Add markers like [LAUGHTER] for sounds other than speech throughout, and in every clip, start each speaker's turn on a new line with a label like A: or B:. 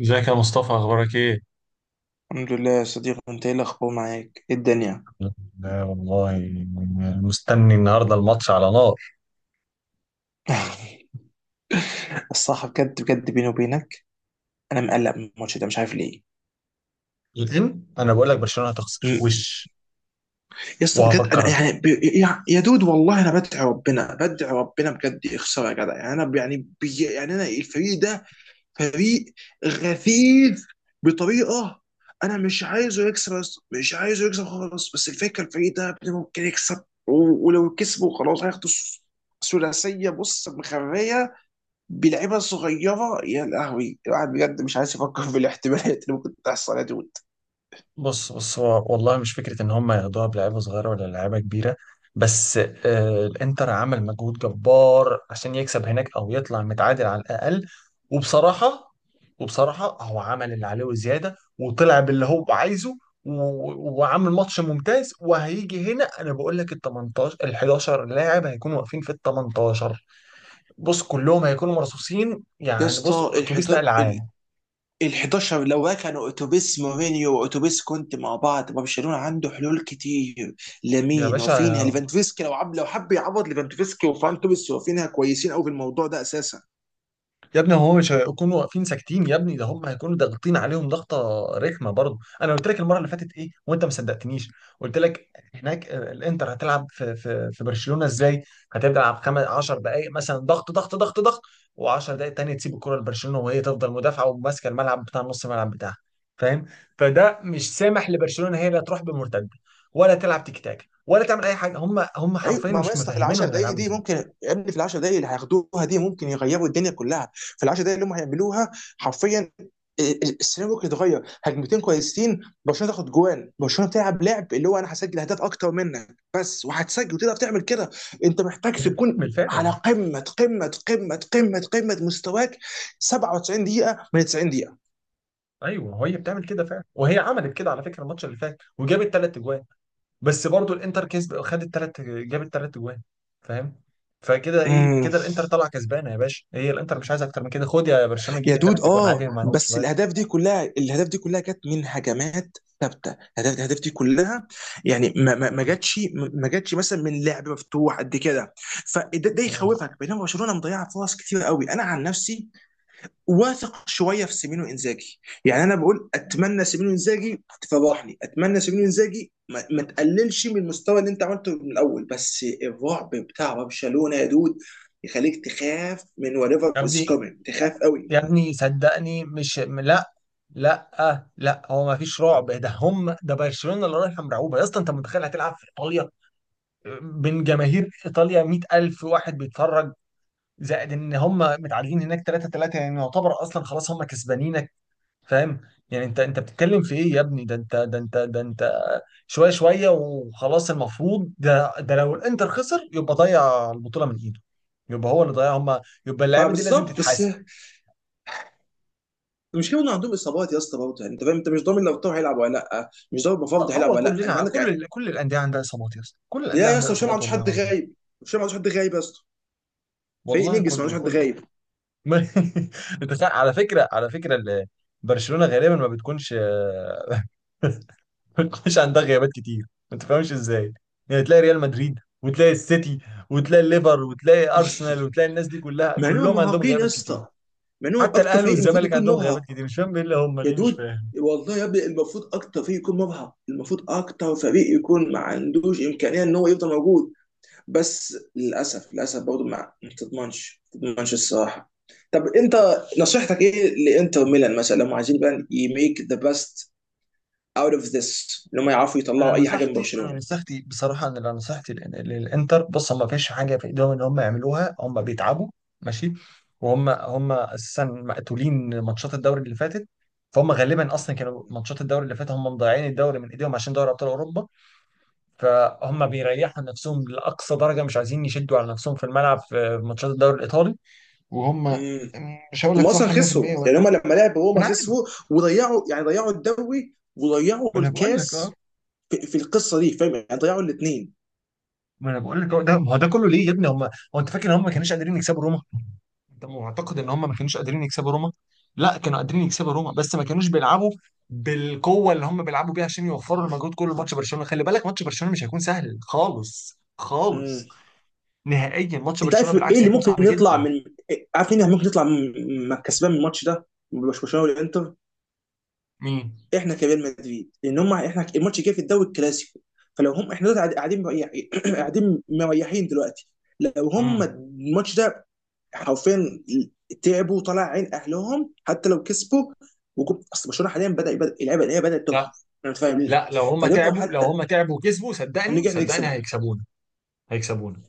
A: ازيك يا مصطفى؟ اخبارك ايه؟
B: الحمد لله يا صديقي، انت ايه الاخبار؟ معاك ايه الدنيا؟
A: لا والله، مستني النهارده الماتش على نار.
B: [LAUGHS] الصراحه بجد بجد، بيني وبينك، انا مقلق من الماتش ده، مش عارف ليه.
A: لان انا بقول لك برشلونه هتخسر
B: م-
A: وش
B: يا اسطى بجد،
A: وهفكر.
B: انا يعني يا دود، والله انا بدعي ربنا بدعي ربنا بجد يخسر، يا جدع. يعني انا ب- يعني بي يعني انا الفريق ده فريق غثيث بطريقه. انا مش عايزه يكسب يا اسطى، مش عايزه يكسب خالص. بس الفكره، الفريق ده يا ابني ممكن يكسب ولو كسبوا خلاص هياخدوا الثلاثيه. بص، مخريه بلعيبه صغيره. يا لهوي، الواحد بجد مش عايز يفكر في الاحتمالات اللي ممكن تحصل يا دود.
A: بص هو والله مش فكرة إن هم ياخدوها بلعيبة صغيرة ولا لعيبة كبيرة، بس آه الإنتر عمل مجهود جبار عشان يكسب هناك أو يطلع متعادل على الأقل. وبصراحة وبصراحة هو عمل اللي عليه وزيادة وطلع باللي هو عايزه، وعامل ماتش ممتاز. وهيجي هنا أنا بقول لك ال 18، ال 11 لاعب هيكونوا واقفين في ال 18. بص، كلهم هيكونوا مرصوصين.
B: يا
A: يعني بص،
B: اسطى
A: أتوبيس نقل عام.
B: ال حداشر، ال 11 لو كانوا اتوبيس مورينيو واتوبيس كونتي مع بعض، برشلونه عنده حلول كتير.
A: يا
B: لامين وفينها
A: باشا،
B: ليفاندوفسكي، لو عب لو حب يعوض ليفاندوفسكي وفان توريس وفينها كويسين قوي في الموضوع ده اساسا.
A: يا ابني هو مش هيكونوا واقفين ساكتين يا ابني، ده هم هيكونوا ضاغطين عليهم ضغطه رخمه. برضه انا قلت لك المره اللي فاتت ايه وانت ما صدقتنيش. قلت لك هناك آه، الانتر هتلعب في برشلونه ازاي. هتلعب 10 دقائق مثلا ضغط ضغط ضغط ضغط، و10 دقائق تانية تسيب الكره لبرشلونه وهي تفضل مدافعه وماسكه الملعب، بتاع نص الملعب بتاعها. فاهم؟ فده مش سامح لبرشلونه، هي لا تروح بمرتده ولا تلعب تيك تاك ولا تعمل اي حاجه. هم
B: ايوه،
A: حرفيا
B: ما هو يا
A: مش
B: اسطى في ال 10
A: مفهمينهم
B: دقائق
A: هيلعبوا
B: دي
A: ازاي.
B: ممكن، يا ابني في ال 10 دقائق اللي هياخدوها دي ممكن يغيروا الدنيا كلها في ال 10 دقائق اللي هم هيعملوها حرفيا. السيناريو ممكن يتغير. هجمتين كويسين برشلونه تاخد جوان، برشلونه بتلعب لعب اللي هو انا هسجل اهداف اكتر منك بس، وهتسجل وتقدر تعمل كده. انت محتاج
A: [LAUGHS]
B: تكون
A: بالفعل.
B: على قمه قمه قمه قمه قمه مستواك، 97 دقيقه من 90
A: ايوه هي بتعمل كده فعلا، وهي عملت كده على فكره الماتش اللي فات وجابت ثلاث اجوان. بس برضو الانتر كسب، خدت ثلاث جابت ثلاث اجوان. فاهم؟ فكده ايه،
B: دقيقه.
A: كده الانتر طالعه كسبانه يا باشا. هي الانتر مش عايزه اكتر من كده. خد يا برشلونه جيب
B: يا
A: الثلاث
B: دود
A: اجوان
B: اه،
A: عادي، ما عندهمش
B: بس
A: مانع.
B: الاهداف دي كلها، الاهداف دي كلها جت من هجمات ثابته. الاهداف الاهداف دي كلها يعني ما ما ما
A: مم.
B: جاتش ما جاتش مثلا من لعب مفتوح قد كده. فده ده
A: مم.
B: يخوفك، بينما برشلونه مضيعه فرص كتير قوي. انا عن نفسي واثق شويه في سيمينو انزاجي. يعني انا بقول، اتمنى سيمينو انزاجي تفضحني، اتمنى سيمينو انزاجي ما تقللش من المستوى اللي انت عملته من الاول. بس الرعب بتاع برشلونه يا دود يخليك تخاف من whatever
A: يا
B: is
A: ابني،
B: coming، تخاف قوي.
A: يا ابني، صدقني مش لا. لا آه، لا هو ما فيش رعب. ده هم، ده برشلونه اللي رايحه مرعوبه يا اسطى. انت متخيل هتلعب في ايطاليا من جماهير ايطاليا؟ 100,000 واحد بيتفرج، زائد ان هم متعادلين هناك 3-3، يعني يعتبر اصلا خلاص هم كسبانينك. فاهم؟ يعني انت بتتكلم في ايه يا ابني؟ ده انت شويه شويه وخلاص. المفروض ده لو الانتر خسر يبقى ضيع البطوله من ايده، يبقى هو اللي ضيع هم، يبقى
B: ما
A: اللعيبه دي لازم
B: بالظبط، بس
A: تتحاسب.
B: المشكله انه عندهم اصابات يا اسطى برضه. يعني انت فاهم، انت مش ضامن لو طاهر هيلعب ولا لا، مش ضامن
A: طب
B: المفروض هيلعب
A: هو
B: ولا لا، انت
A: كلنا،
B: عندك.
A: كل الانديه عندها اصابات يا اسطى، كل الانديه
B: لا يا
A: عندها
B: اسطى، هشام ما
A: اصابات
B: عندوش
A: والله
B: حد
A: العظيم.
B: غايب، هشام ما عندوش حد غايب يا اسطى. فريق
A: والله
B: نجس ما عندوش
A: كله
B: حد
A: كله.
B: غايب.
A: [LAUGHS] انت على فكره، على فكره برشلونه غالبا ما بتكونش [LAUGHS] مش عندها غيابات كتير. ما تفهمش ازاي، يعني تلاقي ريال مدريد وتلاقي السيتي وتلاقي الليفر وتلاقي
B: [LAUGHS]
A: ارسنال وتلاقي الناس دي كلها،
B: مع انهم
A: كلهم عندهم
B: مرهقين يا
A: غيابات كتير.
B: اسطى، مع انهم
A: حتى
B: اكتر
A: الاهلي
B: فريق المفروض
A: والزمالك
B: يكون
A: عندهم غيابات كتير.
B: مرهق.
A: مش فاهم ايه اللي هم
B: يا
A: ليه، مش
B: دود
A: فاهم.
B: والله يا ابني المفروض اكتر فريق يكون مرهق، المفروض اكتر فريق يكون ما عندوش امكانيه ان هو يفضل موجود. بس للاسف للاسف برضه ما تضمنش ما تضمنش الصراحه. طب انت، نصيحتك ايه لانتر ميلان مثلا لو هم عايزين بقى يميك ذا بيست اوت اوف ذس؟ ان هم يعرفوا
A: انا
B: يطلعوا اي حاجه من
A: نصيحتي انا
B: برشلونه؟
A: نصيحتي بصراحه، ان انا نصيحتي للانتر، بص ما فيش حاجه في ايدهم ان هم يعملوها. هم بيتعبوا ماشي، وهم اساسا مقتولين ماتشات الدوري اللي فاتت. فهم غالبا اصلا كانوا ماتشات الدوري اللي فاتت هم مضيعين الدوري من ايديهم عشان دوري ابطال اوروبا. فهم بيريحوا نفسهم لأقصى درجة، مش عايزين يشدوا على نفسهم في الملعب في ماتشات الدوري الإيطالي. وهم
B: امم.
A: مش هقول
B: هم
A: لك
B: اصلا
A: صح 100%
B: خسروا،
A: ولا.
B: يعني هم لما لعبوا
A: ما
B: روما
A: انا عارف،
B: خسروا وضيعوا، يعني ضيعوا الدوري وضيعوا
A: ما انا بقول لك اه.
B: الكاس في القصه دي، فاهم؟ يعني ضيعوا الاثنين.
A: ما انا بقول لك اه، ده ما هو ده كله ليه يا ابني؟ هم، هو انت فاكر ان هم ما كانوش قادرين يكسبوا روما؟ انت معتقد ان هم ما كانوش قادرين يكسبوا روما؟ لا، كانوا قادرين يكسبوا روما بس ما كانوش بيلعبوا بالقوه اللي هم بيلعبوا بيها، عشان يوفروا المجهود كله لماتش برشلونه. خلي بالك، ماتش برشلونه مش هيكون سهل خالص
B: امم.
A: خالص. نهائيا ماتش
B: انت
A: برشلونه
B: عارف ايه
A: بالعكس
B: اللي
A: هيكون
B: ممكن
A: صعب
B: يطلع
A: جدا.
B: من، عارف مين ممكن يطلع كسبان من الماتش ده؟ مش برشلونه والانتر،
A: مين؟
B: احنا كريال مدريد. لان هم احنا، الماتش جاي في الدوري الكلاسيكو، فلو هم احنا دلوقتي قاعدين مريحين [CLEARS THROAT] قاعدين مريحين دلوقتي، لو هم
A: مم.
B: الماتش ده حرفيا تعبوا وطلع عين اهلهم حتى لو كسبوا. اصل برشلونه حاليا بدا يبدا اللعيبه اللي هي بدات
A: لا،
B: تبهر، انا مش فاهم ليه.
A: لا لو هم
B: فدول لو
A: تعبوا، لو
B: حتى
A: هم تعبوا وكسبوا صدقني
B: هنيجي احنا نكسب
A: صدقني
B: احنا،
A: هيكسبونا. هيكسبونا.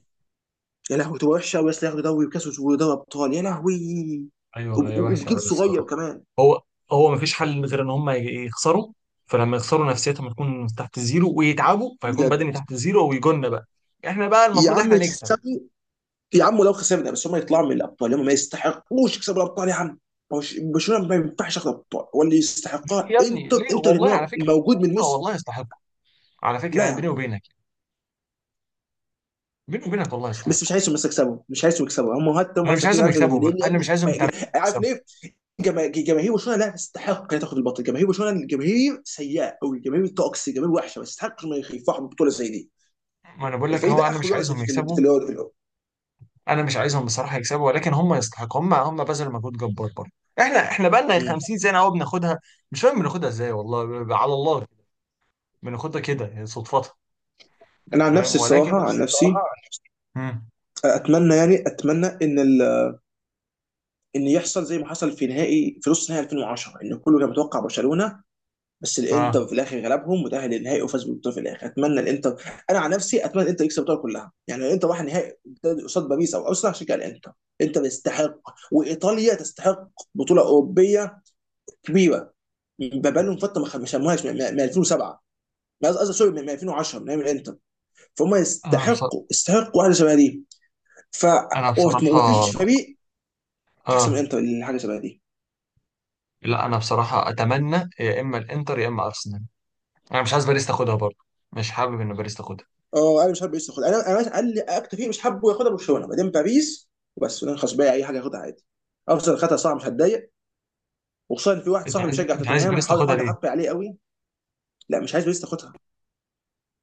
B: يا لهوي تبقى وحشه قوي اصل. ياخدوا دوري وكاس ودوري ابطال، يا لهوي.
A: ايوه هي وحشه
B: وبجيل
A: قوي
B: صغير
A: الصراحه.
B: كمان.
A: هو، هو مفيش حل غير ان هم يخسروا. فلما يخسروا نفسيتهم هتكون تحت الزيرو، ويتعبوا فيكون
B: بجد.
A: بدني تحت الزيرو، ويجولنا بقى. احنا بقى
B: يا
A: المفروض
B: عم
A: احنا نكسب.
B: اكسبوا، يا عم لو خسرنا بس هم يطلعوا من الابطال. هم ما يستحقوش يكسبوا الابطال يا عم. برشلونه ما ينفعش ياخد ابطال، واللي يستحقها
A: يا ابني
B: انتر.
A: ليه؟
B: انتر لان
A: والله على
B: هو
A: فكره
B: موجود من
A: آه
B: الموسم.
A: والله يستحقوا. على فكره
B: لا يا
A: يعني بيني
B: عم،
A: وبينك، بيني وبينك والله
B: بس مش
A: يستحقوا.
B: عايزهم بس يكسبوا، مش عايزهم يكسبوا هم حتى. هم
A: انا مش
B: احسن
A: عايزهم
B: فريق، مش عايزهم.
A: يكسبوا بقى،
B: لان يا
A: انا مش
B: ابني
A: عايزهم تماما
B: عارف
A: يكسبوا.
B: ليه؟ جماهير برشلونه لا تستحق انها تاخد البطل. جماهير برشلونه الجماهير سيئه قوي، جماهير توكسي، جماهير وحشه، ما يستحقش ما يفرحوا ببطوله زي دي.
A: ما انا بقول لك،
B: الفريق
A: هو
B: ده
A: انا
B: اخره
A: مش
B: يقعد
A: عايزهم يكسبوا،
B: في الاول.
A: انا مش عايزهم بصراحه يكسبوا، ولكن هم يستحقوا، هم هم بذلوا مجهود جبار برضه. احنا بقى لنا
B: مم.
A: 50 سنه اهو بناخدها. مش فاهم بناخدها ازاي والله، على الله بناخدها كده، يعني صدفتها.
B: انا عن
A: فاهم؟
B: نفسي
A: ولكن
B: الصراحه، عن
A: بس
B: نفسي
A: بصراحة. مم.
B: اتمنى، يعني اتمنى ان يحصل زي ما حصل في نهائي، في نص نهائي 2010، ان كله كان متوقع برشلونه بس الانتر
A: اه
B: في الاخر غلبهم وتاهل للنهائي وفاز بالبطوله في الاخر. اتمنى الانتر، انا عن نفسي اتمنى الانتر يكسب البطوله كلها. يعني الانتر راح نهائي قصاد باريس او اوسلع عشان كده. الانتر، الانتر يستحق، وايطاليا تستحق بطوله اوروبيه كبيره. بقى لهم فتره ما سموهاش من 2007، قصدي سوري، من 2010، من ايام الانتر. فهم
A: انا
B: يستحقوا،
A: بصراحه،
B: يستحقوا حاجه شبه دي. ف
A: انا بصراحه
B: ومفيش فريق احسن من
A: اه.
B: الانتر حاجه شبه دي.
A: لا انا بصراحه اتمنى يا اما الانتر يا اما ارسنال. انا مش عايز باريس تاخدها برضه، مش حابب ان باريس تاخدها.
B: اه، انا مش حابب باريس تاخدها. انا انا قال لي اكتر فريق مش حابه ياخدها برشلونه، بعدين باريس، وبس. انا خلاص باقي اي حاجه ياخدها عادي. ارسنال خدها صعب، مش هتضايق. وخصوصا إن في واحد
A: انت
B: صاحبي
A: عايز،
B: بيشجع
A: انت عايز
B: توتنهام،
A: باريس
B: هحاول
A: تاخدها
B: هحاول
A: ليه؟
B: احط عليه قوي. لا مش عايز باريس تاخدها.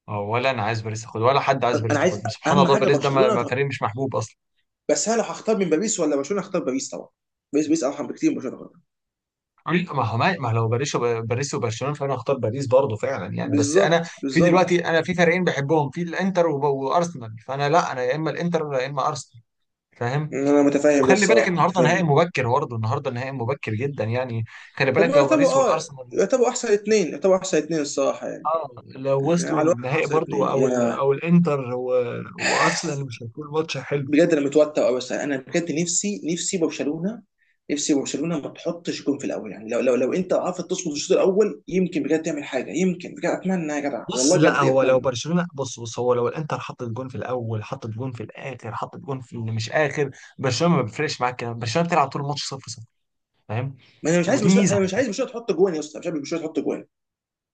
A: آه، ولا انا عايز باريس تاخدها ولا حد عايز
B: انا
A: باريس
B: أنا عايز
A: تاخدها، سبحان
B: اهم
A: الله.
B: حاجه
A: باريس ده ما
B: برشلونه
A: ما فريق مش محبوب اصلا.
B: بس انا لو هختار من باريس ولا برشلونه هختار باريس طبعا. باريس، باريس ارحم بكتير من برشلونه تاخدها.
A: لا، ما هو ما لو باريس باريس وبرشلونه فانا اختار باريس برضه فعلا يعني. بس انا
B: بالظبط
A: في دلوقتي
B: بالظبط.
A: انا في فريقين بحبهم، في الانتر وارسنال، فانا لا، انا يا اما الانتر يا اما ارسنال. فاهم؟
B: انا متفاهم ده
A: وخلي بالك
B: الصراحه
A: النهارده نهائي
B: متفاهم.
A: مبكر برضه، النهارده نهائي مبكر جدا يعني. خلي
B: هم
A: بالك لو
B: يعتبروا
A: باريس
B: اه،
A: والارسنال،
B: يعتبروا احسن اثنين، يعتبروا احسن اثنين الصراحه يعني.
A: اه لو
B: يعني على
A: وصلوا
B: الواقع
A: للنهائي
B: احسن
A: برضه،
B: اثنين
A: او ال،
B: يعني.
A: او الانتر وارسنال، مش هيكون ماتش حلو.
B: بجد انا متوتر قوي. بس انا بجد نفسي، نفسي برشلونه، نفسي برشلونه ما تحطش جون في الاول. يعني لو انت عرفت تصمد الشوط الاول يمكن بجد تعمل حاجه. يمكن بجد اتمنى يا جدع،
A: بص،
B: والله
A: لا
B: بجد
A: هو لو
B: اتمنى.
A: برشلونة، بص هو لو الانتر حطت جون في الاول، حطت جون في الاخر، حطت جون في اللي مش اخر، برشلونة ما بيفرقش معاك كده. برشلونة بتلعب طول الماتش صفر صفر. فاهم؟
B: ما انا مش عايز
A: ودي
B: برشلونه،
A: ميزة
B: انا
A: على
B: مش عايز
A: فكرة.
B: برشلونه تحط جوان يا اسطى، مش عايز برشلونه تحط جوان.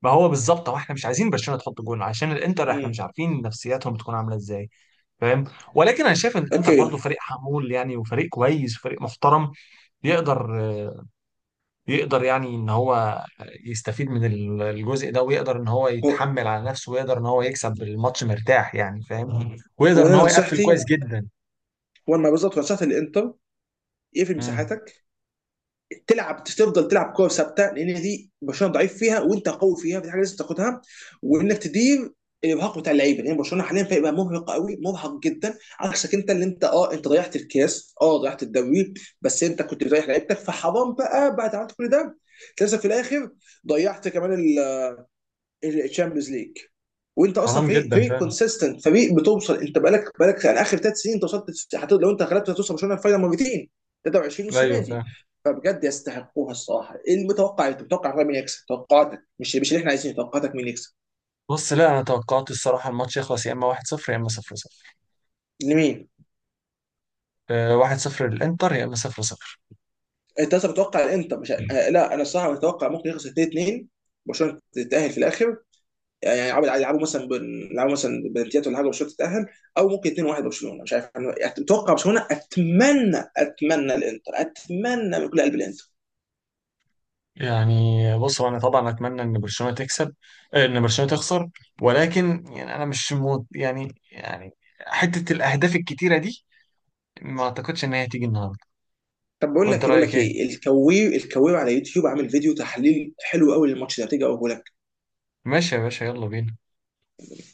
A: ما هو بالظبط، هو احنا مش عايزين برشلونة تحط جون عشان الانتر، احنا
B: امم.
A: مش عارفين نفسياتهم بتكون عاملة ازاي. فاهم؟ ولكن انا شايف ان الانتر برضو
B: اوكي.
A: فريق حمول يعني، وفريق كويس وفريق محترم. يقدر، يقدر يعني ان هو يستفيد من الجزء ده، ويقدر ان هو
B: هو
A: يتحمل على نفسه، ويقدر ان هو يكسب الماتش مرتاح يعني، فاهم؟ ويقدر
B: هو
A: ان
B: انا
A: هو يقفل
B: نصيحتي،
A: كويس جدا.
B: هو ما بالظبط نصيحتي للانتر: اقفل
A: مم.
B: مساحاتك، تلعب، تفضل تلعب كوره ثابته لان دي برشلونه ضعيف فيها وانت قوي فيها، فدي حاجه لازم تاخدها. وانك تدير الارهاق بتاع اللعيبه، لان يعني برشلونه حاليا فريق بقى مرهق قوي، مرهق جدا عكسك. انت اللي انت اه انت ضيعت الكاس، اه ضيعت الدوري، بس انت كنت بتريح لعيبتك، فحرام بقى بعد عملت كل ده للاسف في الاخر ضيعت كمان الشامبيونز ليج. وانت اصلا
A: حرام
B: فريق،
A: جدا
B: فريق
A: فاهم.
B: كونسيستنت، فريق بتوصل. انت بقالك يعني اخر ثلاث سنين انت وصلت، لو انت غلبت هتوصل برشلونه الفاينل مرتين. 23 والسنه
A: ايوه
B: دي.
A: فاهم.
B: فبجد يستحقوها الصراحه. ايه المتوقع إيه؟ انت متوقع فعلا مين يكسب؟ توقعاتك، مش مش اللي احنا عايزينه، توقعاتك مين يكسب؟
A: بص، لا انا توقعت الصراحه الماتش يخلص يا اما 1-0 يا اما 0-0.
B: لمين؟
A: آه، 1-0 للانتر يا اما 0-0
B: انت اصلا متوقع الانتر مش آه، لا انا الصراحه متوقع ممكن يخسر 2-2، برشلونه تتاهل في الاخر. يعني يلعبوا يلعبوا مثلا يلعبوا مثلا بنتيات ولا حاجه، برشلونه تتاهل. او ممكن 2-1 برشلونه، مش عارف، انا اتوقع برشلونه. اتمنى، اتمنى الانتر، اتمنى من كل قلب الانتر.
A: يعني. بص، هو انا طبعا اتمنى ان برشلونه تكسب، آه، ان برشلونه تخسر. ولكن يعني انا مش مو يعني حته الاهداف الكتيره دي ما اعتقدش ان هي هتيجي النهارده.
B: طب بقول لك
A: وانت
B: ايه، بقول
A: رايك
B: لك
A: ايه؟
B: ايه، الكوير، الكوير على يوتيوب عامل فيديو تحليل حلو قوي للماتش ده، تيجي اقوله لك؟
A: ماشي يا باشا، يلا بينا.